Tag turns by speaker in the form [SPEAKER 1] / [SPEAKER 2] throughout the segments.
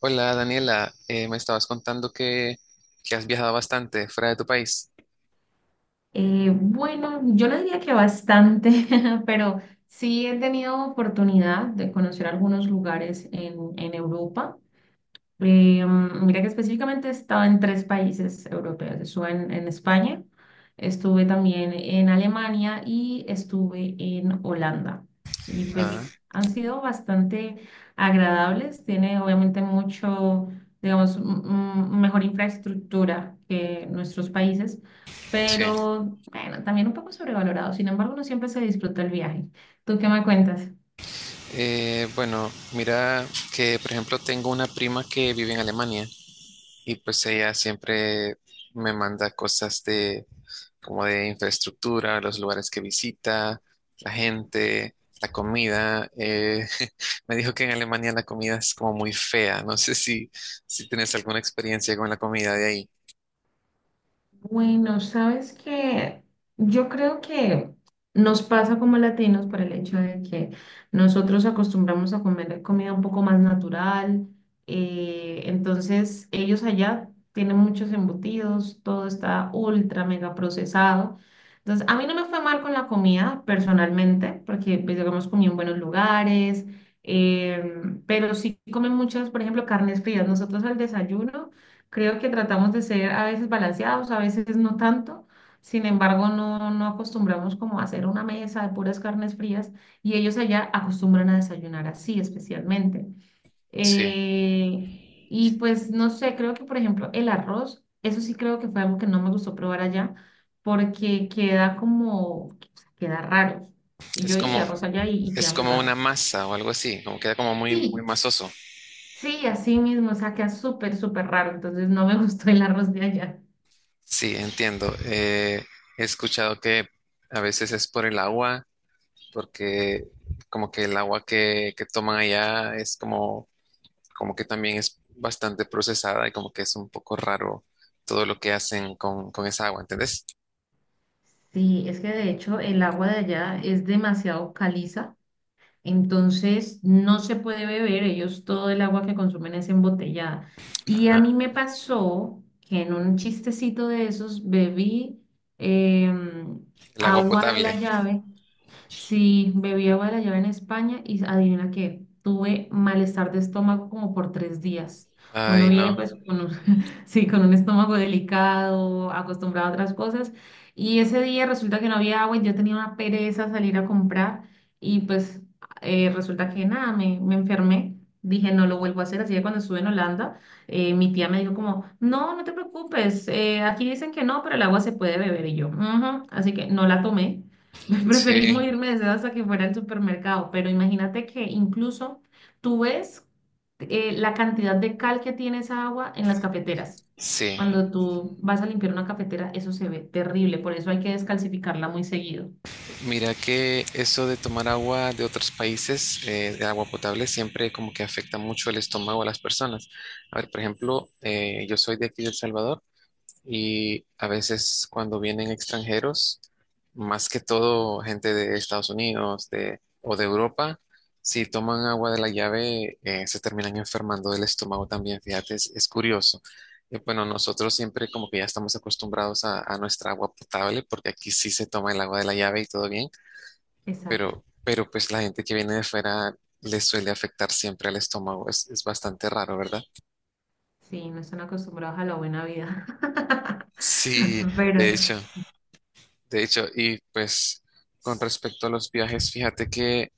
[SPEAKER 1] Hola Daniela. Me estabas contando que has viajado bastante fuera de tu país.
[SPEAKER 2] Bueno, yo no diría que bastante, pero sí he tenido oportunidad de conocer algunos lugares en Europa. Mira que específicamente he estado en tres países europeos. Estuve en España, estuve también en Alemania y estuve en Holanda. Y
[SPEAKER 1] Ah.
[SPEAKER 2] pues han sido bastante agradables. Tiene obviamente mucho, digamos, mejor infraestructura que nuestros países,
[SPEAKER 1] Sí, sí, claro.
[SPEAKER 2] pero bueno, también un poco sobrevalorado. Sin embargo, no siempre se disfruta el viaje. ¿Tú qué me cuentas?
[SPEAKER 1] Bueno, mira que por ejemplo tengo una prima que vive en Alemania y pues ella siempre me manda cosas de como de infraestructura, los lugares que visita, la gente, la comida. Me dijo que en Alemania la comida es como muy fea. No sé si tienes alguna experiencia con la comida de ahí.
[SPEAKER 2] Bueno, sabes que yo creo que nos pasa como latinos por el hecho de que nosotros acostumbramos a comer comida un poco más natural, entonces ellos allá tienen muchos embutidos, todo está ultra mega procesado. Entonces, a mí no me fue mal con la comida personalmente, porque pues digamos comí en buenos lugares, pero sí comen muchas, por ejemplo, carnes frías. Nosotros al desayuno. Creo que tratamos de ser a veces balanceados, a veces no tanto. Sin embargo, no acostumbramos como a hacer una mesa de puras carnes frías y ellos allá acostumbran a desayunar así especialmente.
[SPEAKER 1] Sí, sí,
[SPEAKER 2] Eh, y pues no sé, creo que por ejemplo el arroz, eso sí creo que fue algo que no me gustó probar allá porque queda como, queda raro. Y
[SPEAKER 1] es
[SPEAKER 2] yo hice
[SPEAKER 1] como...
[SPEAKER 2] arroz allá y
[SPEAKER 1] Es
[SPEAKER 2] queda muy
[SPEAKER 1] como una
[SPEAKER 2] raro.
[SPEAKER 1] masa o algo así, como queda como muy
[SPEAKER 2] Sí,
[SPEAKER 1] masoso.
[SPEAKER 2] sí, así mismo, o sea, queda súper, súper raro. Entonces no me gustó el arroz de allá.
[SPEAKER 1] Sí, entiendo. He escuchado que a veces es por el agua, porque como que el agua que toman allá es como, como que también es bastante procesada y como que es un poco raro todo lo que hacen con esa agua, ¿entendés?
[SPEAKER 2] Sí, es que de hecho el agua de allá es demasiado caliza, entonces no se puede beber, ellos todo el agua que consumen es embotellada. Y a mí
[SPEAKER 1] Ah,
[SPEAKER 2] me pasó que en un chistecito de esos bebí em,
[SPEAKER 1] el agua
[SPEAKER 2] agua de la
[SPEAKER 1] potable.
[SPEAKER 2] llave. Sí, bebí agua de la llave en España y adivina qué, tuve malestar de estómago como por 3 días. Uno
[SPEAKER 1] Ay,
[SPEAKER 2] viene
[SPEAKER 1] no.
[SPEAKER 2] pues con un, sí, con un estómago delicado, acostumbrado a otras cosas. Y ese día resulta que no había agua y yo tenía una pereza salir a comprar y pues resulta que nada, me enfermé. Dije, no lo vuelvo a hacer. Así que cuando estuve en Holanda, mi tía me dijo como, no, no te preocupes, aquí dicen que no, pero el agua se puede beber y yo. "Ujú". Así que no la tomé. Preferimos
[SPEAKER 1] Sí,
[SPEAKER 2] irme de seda hasta que fuera al supermercado, pero imagínate que incluso tú ves la cantidad de cal que tiene esa agua en las cafeteras.
[SPEAKER 1] sí.
[SPEAKER 2] Cuando tú vas a limpiar una cafetera, eso se ve terrible, por eso hay que descalcificarla muy seguido.
[SPEAKER 1] Mira que eso de tomar agua de otros países, de agua potable, siempre como que afecta mucho el estómago a las personas. A ver, por ejemplo, yo soy de aquí de El Salvador y a veces cuando vienen extranjeros, más que todo gente de Estados Unidos de, o de Europa, si toman agua de la llave, se terminan enfermando del estómago también. Fíjate, es curioso. Y bueno, nosotros siempre como que ya estamos acostumbrados a nuestra agua potable porque aquí sí se toma el agua de la llave y todo bien,
[SPEAKER 2] Exacto.
[SPEAKER 1] pero pues la gente que viene de fuera le suele afectar siempre al estómago. Es bastante raro, ¿verdad?
[SPEAKER 2] Sí, no están acostumbrados a la buena vida.
[SPEAKER 1] Sí,
[SPEAKER 2] Pero,
[SPEAKER 1] de hecho, de hecho, y pues con respecto a los viajes, fíjate que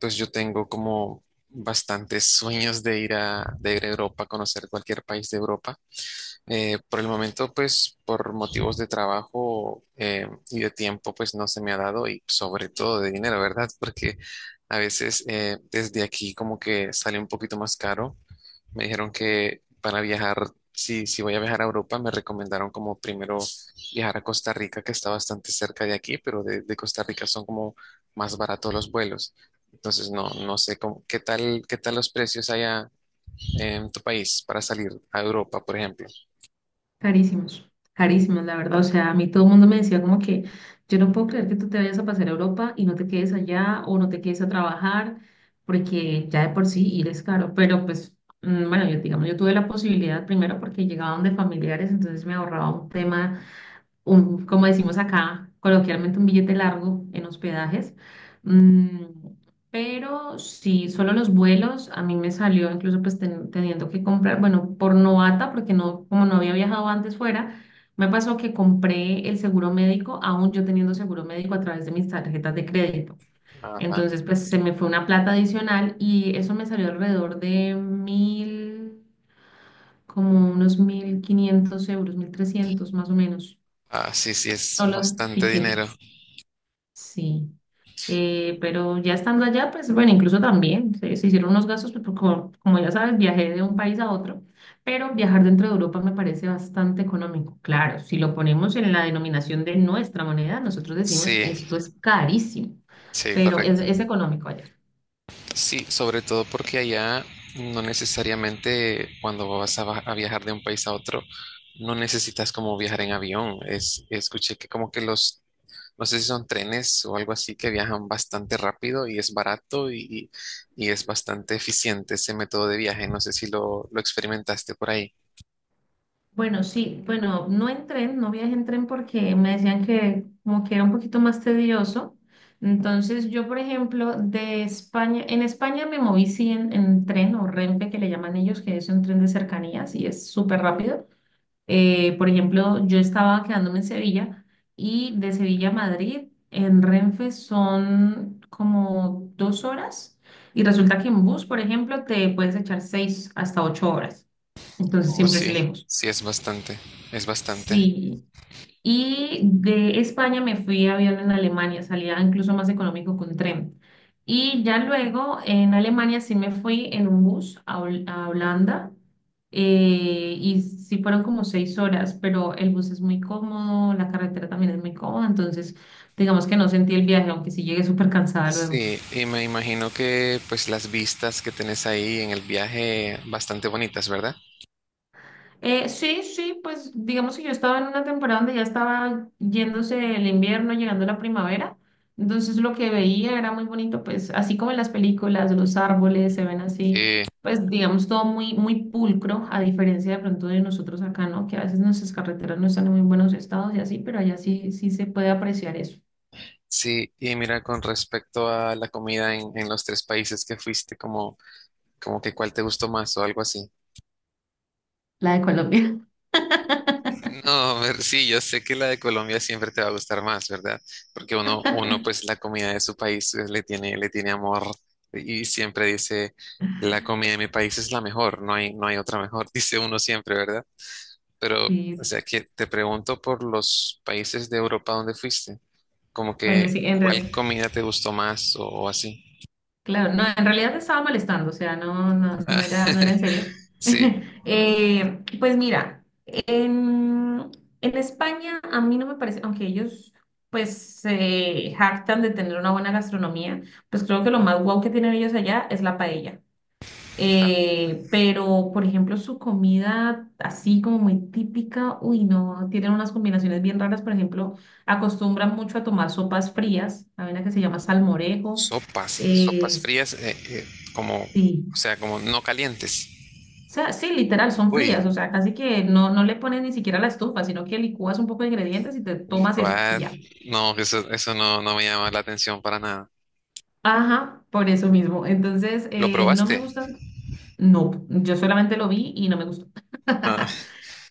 [SPEAKER 1] pues yo tengo como bastantes sueños de ir de ir a Europa, conocer cualquier país de Europa. Por el momento, pues por motivos de trabajo y de tiempo, pues no se me ha dado y sobre todo de dinero, ¿verdad? Porque a veces desde aquí como que sale un poquito más caro. Me dijeron que para viajar, si voy a viajar a Europa, me recomendaron como primero viajar a Costa Rica, que está bastante cerca de aquí, pero de Costa Rica son como más baratos los vuelos. Entonces, no, no sé cómo, qué tal los precios allá en tu país para salir a Europa, por ejemplo.
[SPEAKER 2] carísimos, carísimos, la verdad. O sea, a mí todo el mundo me decía como que yo no puedo creer que tú te vayas a pasar a Europa y no te quedes allá o no te quedes a trabajar, porque ya de por sí ir es caro. Pero pues, bueno, yo digamos, yo tuve la posibilidad primero porque llegaba donde familiares, entonces me ahorraba un tema un, como decimos acá, coloquialmente un billete largo en hospedajes. Mm, pero sí, solo los vuelos, a mí me salió incluso pues teniendo que comprar, bueno, por novata, porque no, como no había viajado antes fuera, me pasó que compré el seguro médico, aún yo teniendo seguro médico a través de mis tarjetas de crédito.
[SPEAKER 1] Ajá.
[SPEAKER 2] Entonces, pues se me fue una plata adicional y eso me salió alrededor de 1.000, como unos 1.500 euros, 1.300 más o menos.
[SPEAKER 1] Ah, sí, sí, es
[SPEAKER 2] No los
[SPEAKER 1] bastante dinero.
[SPEAKER 2] tiquetes, sí. Pero ya estando allá, pues bueno, incluso también se hicieron unos gastos, pues, como, como ya sabes, viajé de un país a otro, pero viajar dentro de Europa me parece bastante económico. Claro, si lo ponemos en la denominación de nuestra moneda, nosotros decimos esto
[SPEAKER 1] Sí,
[SPEAKER 2] es carísimo,
[SPEAKER 1] sí,
[SPEAKER 2] pero es,
[SPEAKER 1] correcto.
[SPEAKER 2] es económico allá.
[SPEAKER 1] Sí, sobre todo porque allá no necesariamente cuando vas a viajar de un país a otro, no necesitas como viajar en avión. Es, escuché que como que los, no sé si son trenes o algo así, que viajan bastante rápido y es barato y es bastante eficiente ese método de viaje. No sé si lo experimentaste por ahí.
[SPEAKER 2] Bueno, sí, bueno, no en tren, no viajé en tren porque me decían que como que era un poquito más tedioso. Entonces yo, por ejemplo, de España, en España me moví sí en tren o Renfe que le llaman ellos, que es un tren de cercanías y es súper rápido. Por ejemplo, yo estaba quedándome en Sevilla y de Sevilla a Madrid en Renfe son como 2 horas y resulta que en bus, por ejemplo, te puedes echar 6 hasta 8 horas. Entonces siempre es
[SPEAKER 1] Sí,
[SPEAKER 2] lejos.
[SPEAKER 1] es bastante.
[SPEAKER 2] Sí, y de España me fui a avión en Alemania, salía incluso más económico con tren. Y ya luego en Alemania sí me fui en un bus a, a Holanda, y sí fueron como 6 horas, pero el bus es muy cómodo, la carretera también es muy cómoda, entonces digamos que no sentí el viaje, aunque sí llegué súper cansada luego.
[SPEAKER 1] Sí, y me imagino que pues las vistas que tenés ahí en el viaje bastante bonitas, ¿verdad?
[SPEAKER 2] Sí, sí, pues digamos que yo estaba en una temporada donde ya estaba yéndose el invierno, llegando la primavera, entonces lo que veía era muy bonito, pues así como en las películas, los árboles se ven así,
[SPEAKER 1] Sí,
[SPEAKER 2] pues digamos todo muy, muy pulcro, a diferencia de pronto de nosotros acá, ¿no? Que a veces nuestras carreteras no están en muy buenos estados y así, pero allá sí, sí se puede apreciar eso,
[SPEAKER 1] sí, y mira, con respecto a la comida en los tres países que fuiste, como, como que cuál te gustó más o algo así.
[SPEAKER 2] la de Colombia.
[SPEAKER 1] No, ver, sí, yo sé que la de Colombia siempre te va a gustar más, ¿verdad? Porque uno pues la comida de su país le le tiene amor y siempre dice, la comida de mi país es la mejor, no hay, no hay otra mejor, dice uno siempre, ¿verdad? Pero, o
[SPEAKER 2] Sí,
[SPEAKER 1] sea, que te pregunto por los países de Europa donde fuiste, como
[SPEAKER 2] bueno,
[SPEAKER 1] que
[SPEAKER 2] sí, en
[SPEAKER 1] cuál
[SPEAKER 2] realidad.
[SPEAKER 1] comida te gustó más o así.
[SPEAKER 2] Claro, no, en realidad te estaba molestando, o sea, no, no, no
[SPEAKER 1] Ah,
[SPEAKER 2] era, no era en serio.
[SPEAKER 1] sí,
[SPEAKER 2] Pues mira, en España a mí no me parece, aunque ellos pues se jactan de tener una buena gastronomía, pues creo que lo más guau que tienen ellos allá es la paella. Pero, por ejemplo, su comida así como muy típica, uy, no, tienen unas combinaciones bien raras, por ejemplo, acostumbran mucho a tomar sopas frías, hay una que se llama salmorejo.
[SPEAKER 1] sopas, sopas
[SPEAKER 2] Eh,
[SPEAKER 1] frías, como, o
[SPEAKER 2] Sí.
[SPEAKER 1] sea, como no calientes.
[SPEAKER 2] O sea, sí, literal, son frías,
[SPEAKER 1] Uy,
[SPEAKER 2] o sea, casi que no, no le pones ni siquiera la estufa, sino que licúas un poco de ingredientes y te tomas eso y
[SPEAKER 1] what?
[SPEAKER 2] ya.
[SPEAKER 1] No, eso no, no me llama la atención para nada.
[SPEAKER 2] Ajá, por eso mismo. Entonces,
[SPEAKER 1] ¿Lo
[SPEAKER 2] no me
[SPEAKER 1] probaste?
[SPEAKER 2] gustan, no, yo solamente lo vi y no me gustó.
[SPEAKER 1] Ah,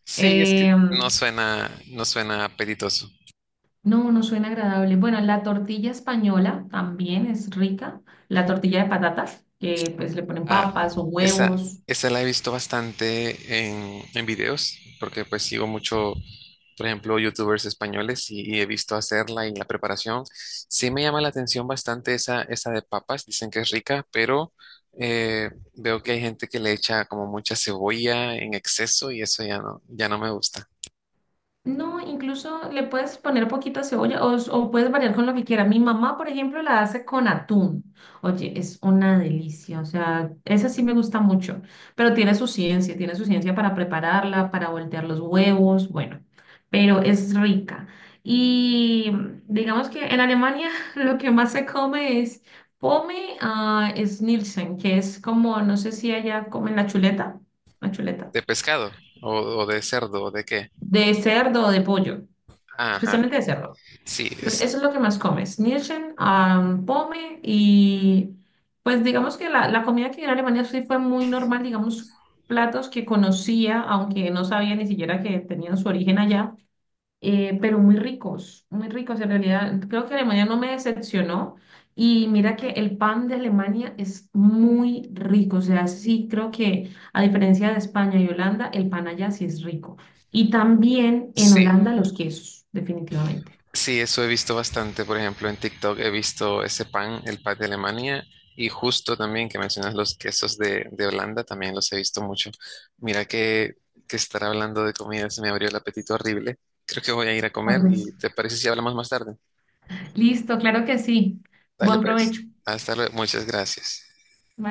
[SPEAKER 1] sí, es que no
[SPEAKER 2] Em,
[SPEAKER 1] suena, no suena apetitoso.
[SPEAKER 2] no, no suena agradable. Bueno, la tortilla española también es rica, la tortilla de patatas, que pues le ponen
[SPEAKER 1] Ah,
[SPEAKER 2] papas o
[SPEAKER 1] esa,
[SPEAKER 2] huevos.
[SPEAKER 1] esa la he visto bastante en videos, porque pues sigo mucho, por ejemplo, youtubers españoles y he visto hacerla y la preparación. Sí me llama la atención bastante esa de papas, dicen que es rica, pero veo que hay gente que le echa como mucha cebolla en exceso y eso ya no, ya no me gusta.
[SPEAKER 2] No, incluso le puedes poner poquita cebolla o puedes variar con lo que quieras. Mi mamá, por ejemplo, la hace con atún. Oye, es una delicia. O sea, esa sí me gusta mucho, pero tiene su ciencia para prepararla, para voltear los huevos, bueno, pero es rica. Y digamos que en Alemania lo que más se come es pome, Schnitzel, que es como, no sé si allá comen la chuleta,
[SPEAKER 1] ¿De pescado? ¿O, o de cerdo? ¿O de qué?
[SPEAKER 2] de cerdo o de pollo,
[SPEAKER 1] Ajá,
[SPEAKER 2] especialmente de cerdo.
[SPEAKER 1] sí,
[SPEAKER 2] Entonces,
[SPEAKER 1] es,
[SPEAKER 2] eso es lo que más come, Schnitzel, pome, y pues digamos que la comida que vi en Alemania sí fue muy normal, digamos, platos que conocía, aunque no sabía ni siquiera que tenían su origen allá, pero muy ricos en realidad. Creo que Alemania no me decepcionó y mira que el pan de Alemania es muy rico, o sea, sí creo que a diferencia de España y Holanda, el pan allá sí es rico. Y también en
[SPEAKER 1] sí.
[SPEAKER 2] Holanda los quesos, definitivamente.
[SPEAKER 1] Sí, eso he visto bastante. Por ejemplo, en TikTok he visto ese pan, el pan de Alemania, y justo también que mencionas los quesos de Holanda, también los he visto mucho. Mira que estar hablando de comida se me abrió el apetito horrible. Creo que voy a ir a comer
[SPEAKER 2] Por
[SPEAKER 1] y
[SPEAKER 2] dos.
[SPEAKER 1] ¿te parece si hablamos más tarde?
[SPEAKER 2] Listo, claro que sí.
[SPEAKER 1] Dale
[SPEAKER 2] Buen
[SPEAKER 1] pues.
[SPEAKER 2] provecho.
[SPEAKER 1] Hasta luego. Muchas gracias.
[SPEAKER 2] Bye.